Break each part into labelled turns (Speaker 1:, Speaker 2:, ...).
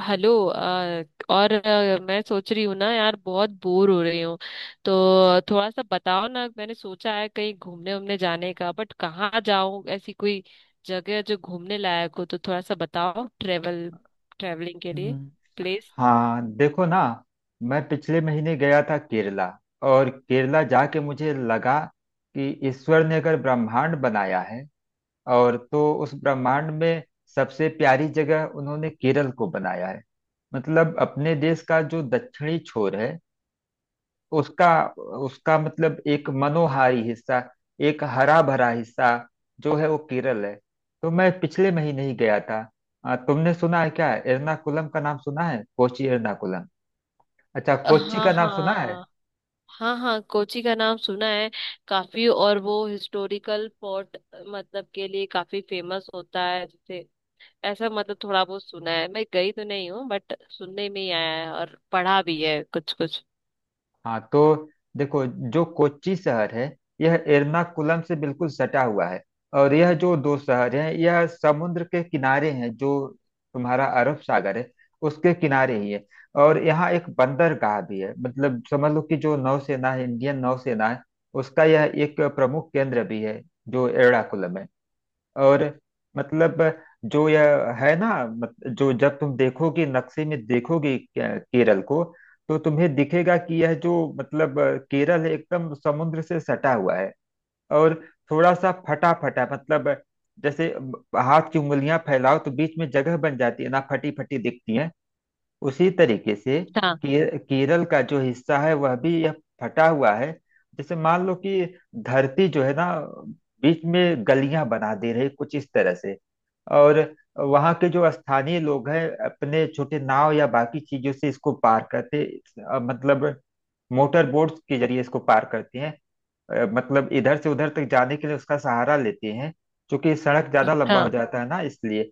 Speaker 1: Hello और मैं सोच रही हूँ ना यार बहुत बोर हो रही हूँ। तो थोड़ा सा बताओ ना, मैंने सोचा है कहीं घूमने उमने जाने का, बट कहाँ जाऊँ ऐसी कोई जगह जो घूमने लायक हो, तो थोड़ा सा बताओ ट्रेवलिंग के लिए
Speaker 2: हम्म।
Speaker 1: प्लेस।
Speaker 2: हाँ देखो ना, मैं पिछले महीने गया था केरला। और केरला जाके मुझे लगा कि ईश्वर ने अगर ब्रह्मांड बनाया है, और तो उस ब्रह्मांड में सबसे प्यारी जगह उन्होंने केरल को बनाया है। मतलब अपने देश का जो दक्षिणी छोर है, उसका उसका मतलब एक मनोहारी हिस्सा, एक हरा भरा हिस्सा जो है वो केरल है। तो मैं पिछले महीने ही गया था। तुमने सुना है क्या? एर्नाकुलम का नाम सुना है? कोची एर्नाकुलम, अच्छा कोच्चि
Speaker 1: हाँ
Speaker 2: का नाम सुना है?
Speaker 1: हाँ। हाँ हाँ, कोची का नाम सुना है काफी। और वो हिस्टोरिकल पोर्ट मतलब के लिए काफी फेमस होता है जैसे ऐसा, मतलब थोड़ा बहुत सुना है, मैं गई तो नहीं हूँ बट सुनने में ही आया है और पढ़ा भी है कुछ कुछ।
Speaker 2: हाँ तो देखो, जो कोच्चि शहर है यह एर्नाकुलम से बिल्कुल सटा हुआ है। और यह जो दो शहर हैं यह समुद्र के किनारे हैं, जो तुम्हारा अरब सागर है उसके किनारे ही है। और यहाँ एक बंदरगाह भी है, मतलब समझ लो कि जो नौसेना है, इंडियन नौसेना है, उसका यह एक प्रमुख केंद्र भी है, जो एर्नाकुलम है। और मतलब जो यह है ना, मत, जो जब तुम देखोगे, नक्शे में देखोगे केरल को, तो तुम्हें दिखेगा कि यह जो मतलब केरल है, एकदम समुद्र से सटा हुआ है। और थोड़ा सा फटा फटा मतलब, जैसे हाथ की उंगलियां फैलाओ तो बीच में जगह बन जाती है ना, फटी फटी दिखती है। उसी तरीके से
Speaker 1: हाँ
Speaker 2: केरल का जो हिस्सा है वह भी यह फटा हुआ है। जैसे मान लो कि धरती जो है ना, बीच में गलियां बना दे रही कुछ इस तरह से। और वहाँ के जो स्थानीय लोग हैं अपने छोटे नाव या बाकी चीजों से इसको पार करते, मतलब मोटर बोट्स के जरिए इसको पार करते हैं। मतलब इधर से उधर तक जाने के लिए उसका सहारा लेते हैं, क्योंकि सड़क ज्यादा लंबा हो
Speaker 1: हाँ।
Speaker 2: जाता है ना इसलिए।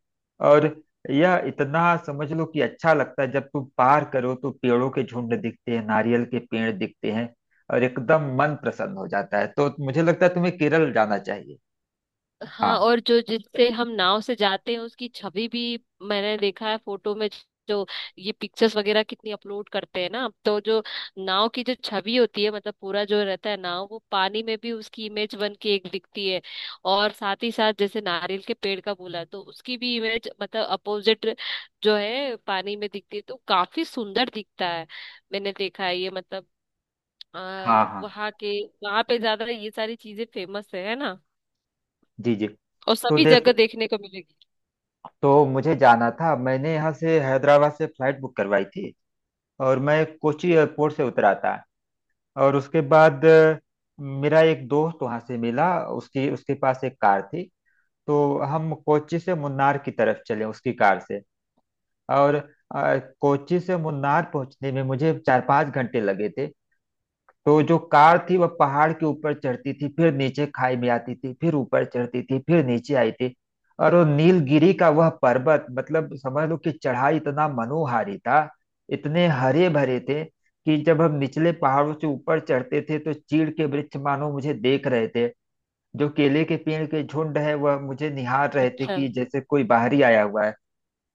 Speaker 2: और यह इतना समझ लो कि अच्छा लगता है, जब तुम पार करो तो पेड़ों के झुंड दिखते हैं, नारियल के पेड़ दिखते हैं। और एकदम मन प्रसन्न हो जाता है, तो मुझे लगता है तुम्हें केरल जाना चाहिए।
Speaker 1: हाँ,
Speaker 2: हाँ
Speaker 1: और जो जिससे हम नाव से जाते हैं उसकी छवि भी मैंने देखा है फोटो में। जो ये पिक्चर्स वगैरह कितनी अपलोड करते हैं ना, तो जो नाव की जो छवि होती है, मतलब पूरा जो रहता है नाव, वो पानी में भी उसकी इमेज बन के एक दिखती है। और साथ ही साथ जैसे नारियल के पेड़ का बोला, तो उसकी भी इमेज मतलब अपोजिट जो है पानी में दिखती है, तो काफी सुंदर दिखता है। मैंने देखा है ये, मतलब
Speaker 2: हाँ। हाँ।
Speaker 1: वहाँ के, वहाँ पे ज्यादा ये सारी चीजें फेमस है ना।
Speaker 2: जी जी।
Speaker 1: और
Speaker 2: तो
Speaker 1: सभी
Speaker 2: देख,
Speaker 1: जगह देखने को मिलेगी।
Speaker 2: तो मुझे जाना था, मैंने यहाँ से हैदराबाद से फ्लाइट बुक करवाई थी। और मैं कोची एयरपोर्ट से उतरा था। और उसके बाद मेरा एक दोस्त वहां से मिला। उसकी उसके पास एक कार थी, तो हम कोच्चि से मुन्नार की तरफ चले उसकी कार से। और कोच्चि से मुन्नार पहुंचने में मुझे 4-5 घंटे लगे थे। तो जो कार थी वह पहाड़ के ऊपर चढ़ती थी, फिर नीचे खाई में आती थी, फिर ऊपर चढ़ती थी, फिर नीचे आई थी। और वो नीलगिरी का वह पर्वत, मतलब समझ लो कि चढ़ाई इतना मनोहारी था, इतने हरे भरे थे कि जब हम निचले पहाड़ों से ऊपर चढ़ते थे तो चीड़ के वृक्ष मानो मुझे देख रहे थे। जो केले के पेड़ के झुंड है वह मुझे निहार रहे थे
Speaker 1: अच्छा,
Speaker 2: कि जैसे कोई बाहरी आया हुआ है।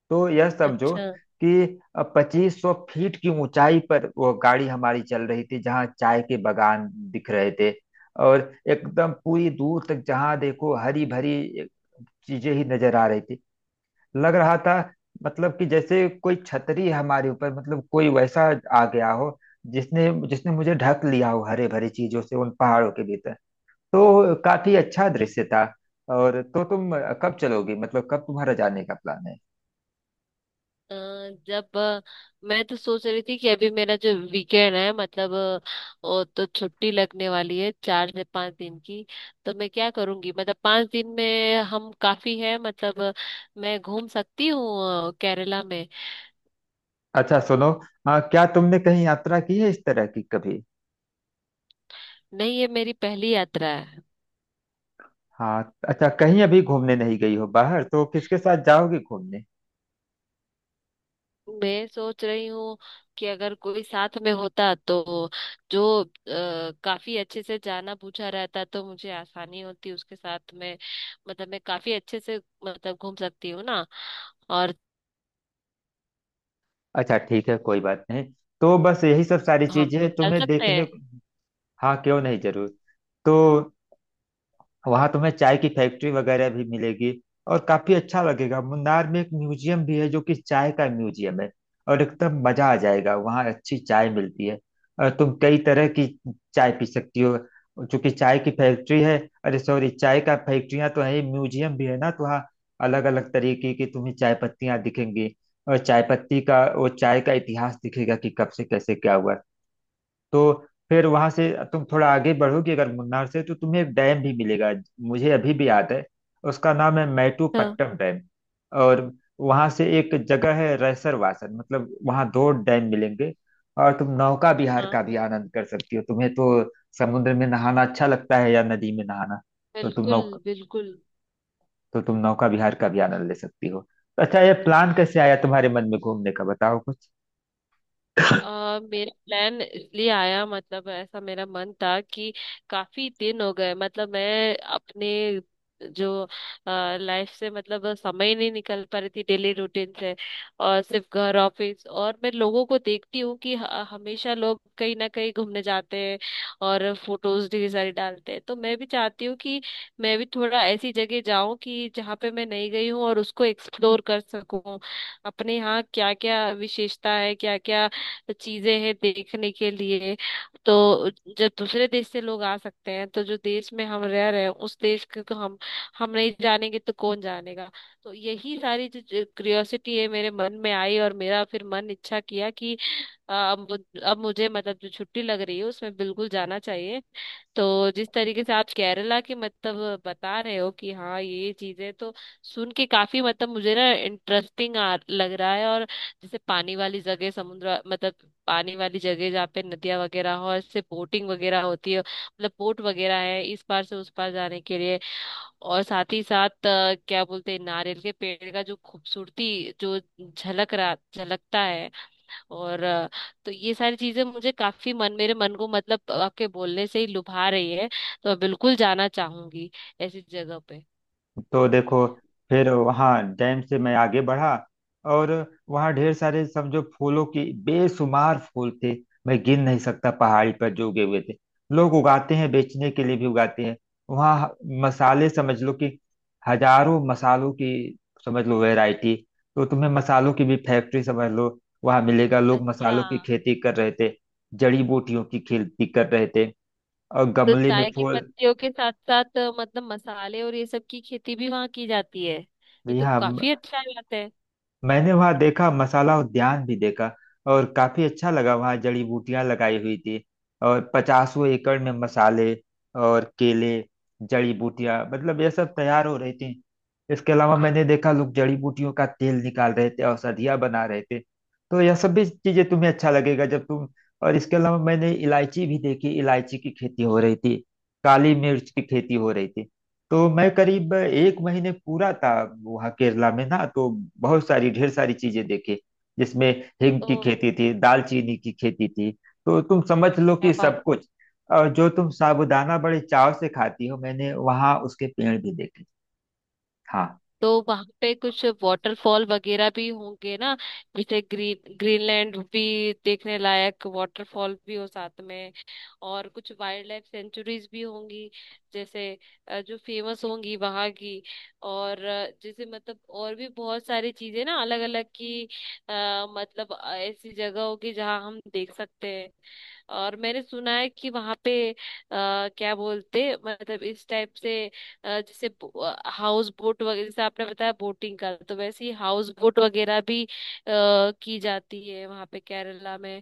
Speaker 2: तो यह समझो
Speaker 1: अच्छा।
Speaker 2: कि 2500 फीट की ऊंचाई पर वो गाड़ी हमारी चल रही थी, जहाँ चाय के बागान दिख रहे थे। और एकदम पूरी दूर तक जहाँ देखो हरी भरी चीजें ही नजर आ रही थी। लग रहा था मतलब कि जैसे कोई छतरी हमारे ऊपर, मतलब कोई वैसा आ गया हो जिसने जिसने मुझे ढक लिया हो, हरे भरे चीजों से उन पहाड़ों के भीतर। तो काफी अच्छा दृश्य था। और तो तुम कब चलोगी, मतलब कब तुम्हारा जाने का प्लान है?
Speaker 1: अ, जब मैं तो सोच रही थी कि अभी मेरा जो वीकेंड है, मतलब वो तो छुट्टी लगने वाली है चार से पांच दिन की। तो मैं क्या करूंगी, मतलब पांच दिन में हम काफी है, मतलब मैं घूम सकती हूँ केरला में।
Speaker 2: अच्छा सुनो, हाँ क्या तुमने कहीं यात्रा की है इस तरह की कभी?
Speaker 1: नहीं, ये मेरी पहली यात्रा है।
Speaker 2: हाँ अच्छा, कहीं अभी घूमने नहीं गई हो बाहर, तो किसके साथ जाओगी घूमने?
Speaker 1: मैं सोच रही हूँ कि अगर कोई साथ में होता, तो जो काफी अच्छे से जाना पूछा रहता, तो मुझे आसानी होती उसके साथ में, मतलब मैं काफी अच्छे से मतलब घूम सकती हूँ ना। और
Speaker 2: अच्छा ठीक है, कोई बात नहीं। तो बस यही सब सारी
Speaker 1: हम
Speaker 2: चीजें
Speaker 1: लोग चल
Speaker 2: तुम्हें
Speaker 1: सकते हैं।
Speaker 2: देखने। हाँ क्यों नहीं, जरूर। तो वहां तुम्हें चाय की फैक्ट्री वगैरह भी मिलेगी और काफी अच्छा लगेगा। मुन्नार में एक म्यूजियम भी है जो कि चाय का म्यूजियम है, और एकदम मजा आ जाएगा। वहाँ अच्छी चाय मिलती है और तुम कई तरह की चाय पी सकती हो, चूंकि चाय की फैक्ट्री है। अरे सॉरी, चाय का फैक्ट्रियां तो है ही, म्यूजियम भी है ना, तो वहाँ अलग अलग तरीके की तुम्हें चाय पत्तियां दिखेंगी। और चाय पत्ती का वो चाय का इतिहास दिखेगा कि कब से कैसे क्या हुआ। तो फिर वहां से तुम थोड़ा आगे बढ़ोगे अगर मुन्नार से, तो तुम्हें एक डैम भी मिलेगा। मुझे अभी भी याद है, उसका नाम है
Speaker 1: हाँ
Speaker 2: मैटूपट्टम डैम। और वहां से एक जगह है रैसरवासन, मतलब वहां दो डैम मिलेंगे। और तुम नौका विहार का
Speaker 1: हाँ,
Speaker 2: भी आनंद कर सकती हो। तुम्हें तो समुद्र में नहाना अच्छा लगता है या नदी में नहाना? तो तुम
Speaker 1: बिल्कुल
Speaker 2: नौका
Speaker 1: बिल्कुल।
Speaker 2: तो तुम नौका विहार का भी आनंद ले सकती हो। तो अच्छा, ये प्लान कैसे आया तुम्हारे मन में घूमने का, बताओ कुछ।
Speaker 1: अ, मेरा प्लान इसलिए आया, मतलब ऐसा मेरा मन था कि काफी दिन हो गए, मतलब मैं अपने जो लाइफ से, मतलब समय ही नहीं निकल पा रही थी डेली रूटीन से। और सिर्फ घर ऑफिस, और मैं लोगों को देखती हूँ कि हमेशा लोग कहीं ना कहीं घूमने जाते हैं और फोटोज ढेर सारी डालते हैं। तो मैं भी चाहती हूँ कि मैं भी थोड़ा ऐसी जगह जाऊं कि जहाँ पे मैं नहीं गई हूँ और उसको एक्सप्लोर कर सकूं। अपने यहाँ क्या क्या विशेषता है, क्या क्या तो चीजें हैं देखने के लिए। तो जब दूसरे देश से लोग आ सकते हैं, तो जो देश में हम रह रहे हैं उस देश के तो हम नहीं जानेंगे तो कौन जानेगा। तो यही सारी जो क्यूरियोसिटी है, मेरे मन में आई और मेरा फिर मन इच्छा किया कि अ, अब अब मुझे मतलब जो छुट्टी लग रही है उसमें बिल्कुल जाना चाहिए। तो जिस तरीके से आप केरला की मतलब बता रहे हो कि हाँ ये चीजें तो, सुन के काफी मतलब मुझे ना इंटरेस्टिंग आ लग रहा है। और जैसे पानी वाली जगह, समुद्र, मतलब पानी वाली जगह जहाँ पे नदियाँ वगैरह हो और इससे बोटिंग वगैरह होती है, मतलब बोट वगैरह है इस पार से उस पार जाने के लिए। और साथ ही साथ क्या बोलते हैं, नारियल के पेड़ का जो खूबसूरती जो झलकता है। और तो ये सारी चीजें मुझे काफी मन, मेरे मन को मतलब आपके बोलने से ही लुभा रही है। तो मैं बिल्कुल जाना चाहूंगी ऐसी जगह पे।
Speaker 2: तो देखो, फिर वहाँ डैम से मैं आगे बढ़ा। और वहाँ ढेर सारे, समझो, फूलों की बेशुमार फूल थे, मैं गिन नहीं सकता, पहाड़ी पर जो उगे हुए थे। लोग उगाते हैं, बेचने के लिए भी उगाते हैं। वहाँ मसाले, समझ लो कि हजारों मसालों की, समझ लो, वैरायटी। तो तुम्हें मसालों की भी फैक्ट्री समझ लो वहाँ मिलेगा। लोग
Speaker 1: अच्छा।
Speaker 2: मसालों की खेती कर रहे थे, जड़ी बूटियों की खेती कर रहे थे, और
Speaker 1: तो
Speaker 2: गमले में
Speaker 1: चाय की
Speaker 2: फूल।
Speaker 1: पत्तियों के साथ साथ मतलब मसाले और ये सब की खेती भी वहाँ की जाती है। ये
Speaker 2: जी
Speaker 1: तो
Speaker 2: हाँ।
Speaker 1: काफी अच्छा बात है।
Speaker 2: मैंने वहां देखा, मसाला उद्यान भी देखा, और काफी अच्छा लगा, वहां जड़ी बूटियां लगाई हुई थी। और पचासों एकड़ में मसाले और केले, जड़ी बूटियां, मतलब ये सब तैयार हो रही थी। इसके अलावा मैंने देखा लोग जड़ी बूटियों का तेल निकाल रहे थे, औषधियां बना रहे थे, तो यह सब भी चीजें तुम्हें अच्छा लगेगा जब तुम। और इसके अलावा मैंने इलायची भी देखी, इलायची की खेती हो रही थी, काली मिर्च की खेती हो रही थी। तो मैं करीब एक महीने पूरा था वहाँ केरला में ना, तो बहुत सारी ढेर सारी चीजें देखी, जिसमें हिंग
Speaker 1: तो
Speaker 2: की खेती थी, दालचीनी की खेती थी। तो तुम समझ लो
Speaker 1: क्या
Speaker 2: कि
Speaker 1: बात।
Speaker 2: सब कुछ। और जो तुम साबूदाना बड़े चाव से खाती हो, मैंने वहाँ उसके पेड़ भी देखे। हाँ।
Speaker 1: तो वहां पे कुछ वाटरफॉल वगैरह भी होंगे ना, जैसे ग्रीनलैंड भी, देखने लायक वाटरफॉल भी हो साथ में। और कुछ वाइल्ड लाइफ सेंचुरीज भी होंगी जैसे जो फेमस होंगी वहां की। और जैसे मतलब और भी बहुत सारी चीजें ना अलग अलग की। मतलब ऐसी जगह होगी जहाँ हम देख सकते हैं। और मैंने सुना है कि वहां पे क्या बोलते, मतलब इस टाइप से, जैसे हाउस बोट वगैरह, जैसे आपने बताया बोटिंग का, तो वैसे ही हाउस बोट वगैरह भी की जाती है वहां पे केरला में।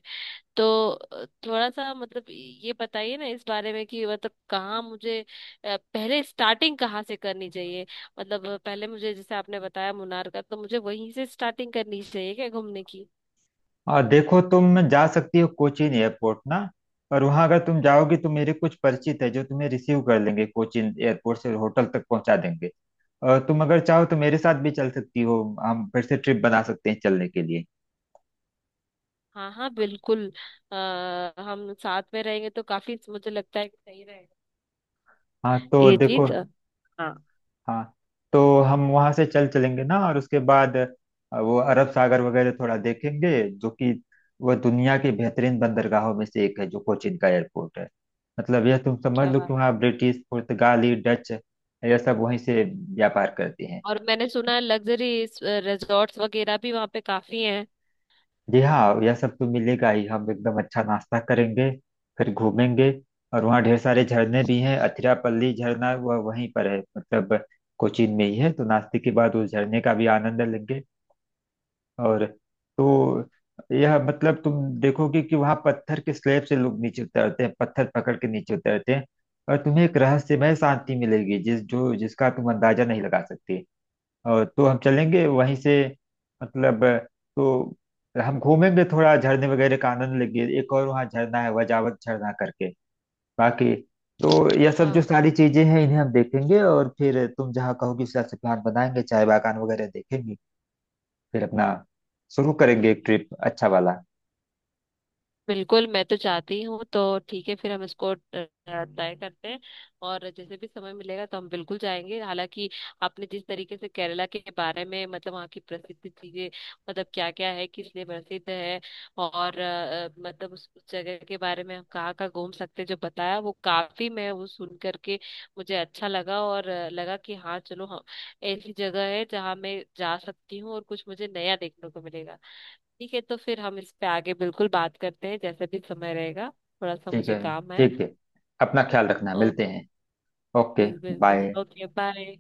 Speaker 1: तो थोड़ा सा मतलब ये बताइए ना इस बारे में कि मतलब कहाँ मुझे पहले स्टार्टिंग कहाँ से करनी चाहिए, मतलब पहले मुझे जैसे आपने बताया मुनार का, तो मुझे वहीं से स्टार्टिंग करनी चाहिए क्या घूमने की।
Speaker 2: और देखो तुम जा सकती हो कोचीन एयरपोर्ट ना, और वहाँ अगर तुम जाओगी तो मेरे कुछ परिचित है जो तुम्हें रिसीव कर लेंगे, कोचीन एयरपोर्ट से होटल तक पहुँचा देंगे। और तुम अगर चाहो तो मेरे साथ भी चल सकती हो, हम फिर से ट्रिप बना सकते हैं चलने के लिए।
Speaker 1: हाँ हाँ, बिल्कुल। हम साथ में रहेंगे तो काफी मुझे लगता है कि सही रहेगा
Speaker 2: हाँ तो
Speaker 1: ये
Speaker 2: देखो।
Speaker 1: चीज। हाँ।
Speaker 2: हाँ, तो हम वहां से चल चलेंगे ना, और उसके बाद वो अरब सागर वगैरह थोड़ा देखेंगे, जो कि वह दुनिया की बेहतरीन बंदरगाहों में से एक है, जो कोचिन का एयरपोर्ट है। मतलब यह तुम समझ
Speaker 1: क्या
Speaker 2: लो कि
Speaker 1: बात।
Speaker 2: वहाँ ब्रिटिश, पुर्तगाली, डच, यह सब वहीं से व्यापार करते हैं।
Speaker 1: और मैंने सुना है लग्जरी रिजॉर्ट्स वगैरह भी वहाँ पे काफी हैं।
Speaker 2: जी हाँ, यह सब तो मिलेगा ही, हम एकदम अच्छा नाश्ता करेंगे, फिर घूमेंगे। और वहाँ ढेर सारे झरने भी हैं, अथिरापल्ली झरना वह वहीं पर है, मतलब कोचीन में ही है, तो नाश्ते के बाद उस झरने का भी आनंद लेंगे। और तो यह मतलब तुम देखोगे कि वहाँ पत्थर के स्लैब से लोग नीचे उतरते हैं, पत्थर पकड़ के नीचे उतरते हैं। और तुम्हें एक रहस्यमय शांति मिलेगी जिसका तुम अंदाजा नहीं लगा सकते। और तो हम चलेंगे वहीं से, मतलब। तो हम घूमेंगे, थोड़ा झरने वगैरह का आनंद लेंगे, एक और वहाँ झरना है वजावत झरना करके। बाकी तो यह सब जो
Speaker 1: हाँ,
Speaker 2: सारी चीजें हैं इन्हें हम देखेंगे, और फिर तुम जहाँ कहोगी उस हिसाब से प्लान बनाएंगे, चाय बागान वगैरह देखेंगे। फिर अपना शुरू करेंगे एक ट्रिप अच्छा वाला।
Speaker 1: बिल्कुल मैं तो चाहती हूँ। तो ठीक है फिर हम इसको ट्राई करते हैं, और जैसे भी समय मिलेगा तो हम बिल्कुल जाएंगे। हालांकि आपने जिस तरीके से केरला के बारे में मतलब वहाँ की प्रसिद्ध चीजें, मतलब क्या क्या है किस लिए प्रसिद्ध है, और मतलब उस जगह के बारे में हम कहाँ कहाँ घूम सकते हैं, जो बताया वो काफी, मैं वो सुन करके मुझे अच्छा लगा। और लगा कि हाँ चलो हम, ऐसी जगह है जहाँ मैं जा सकती हूँ और कुछ मुझे नया देखने को मिलेगा। ठीक है, तो फिर हम इस पे आगे बिल्कुल बात करते हैं जैसे भी समय रहेगा। थोड़ा सा
Speaker 2: ठीक
Speaker 1: मुझे
Speaker 2: है।
Speaker 1: काम है।
Speaker 2: ठीक है। अपना
Speaker 1: ओ-
Speaker 2: ख्याल रखना,
Speaker 1: ओ-
Speaker 2: मिलते हैं। ओके
Speaker 1: बिल्कुल
Speaker 2: बाय।
Speaker 1: बिल्कुल, ओके, बाय।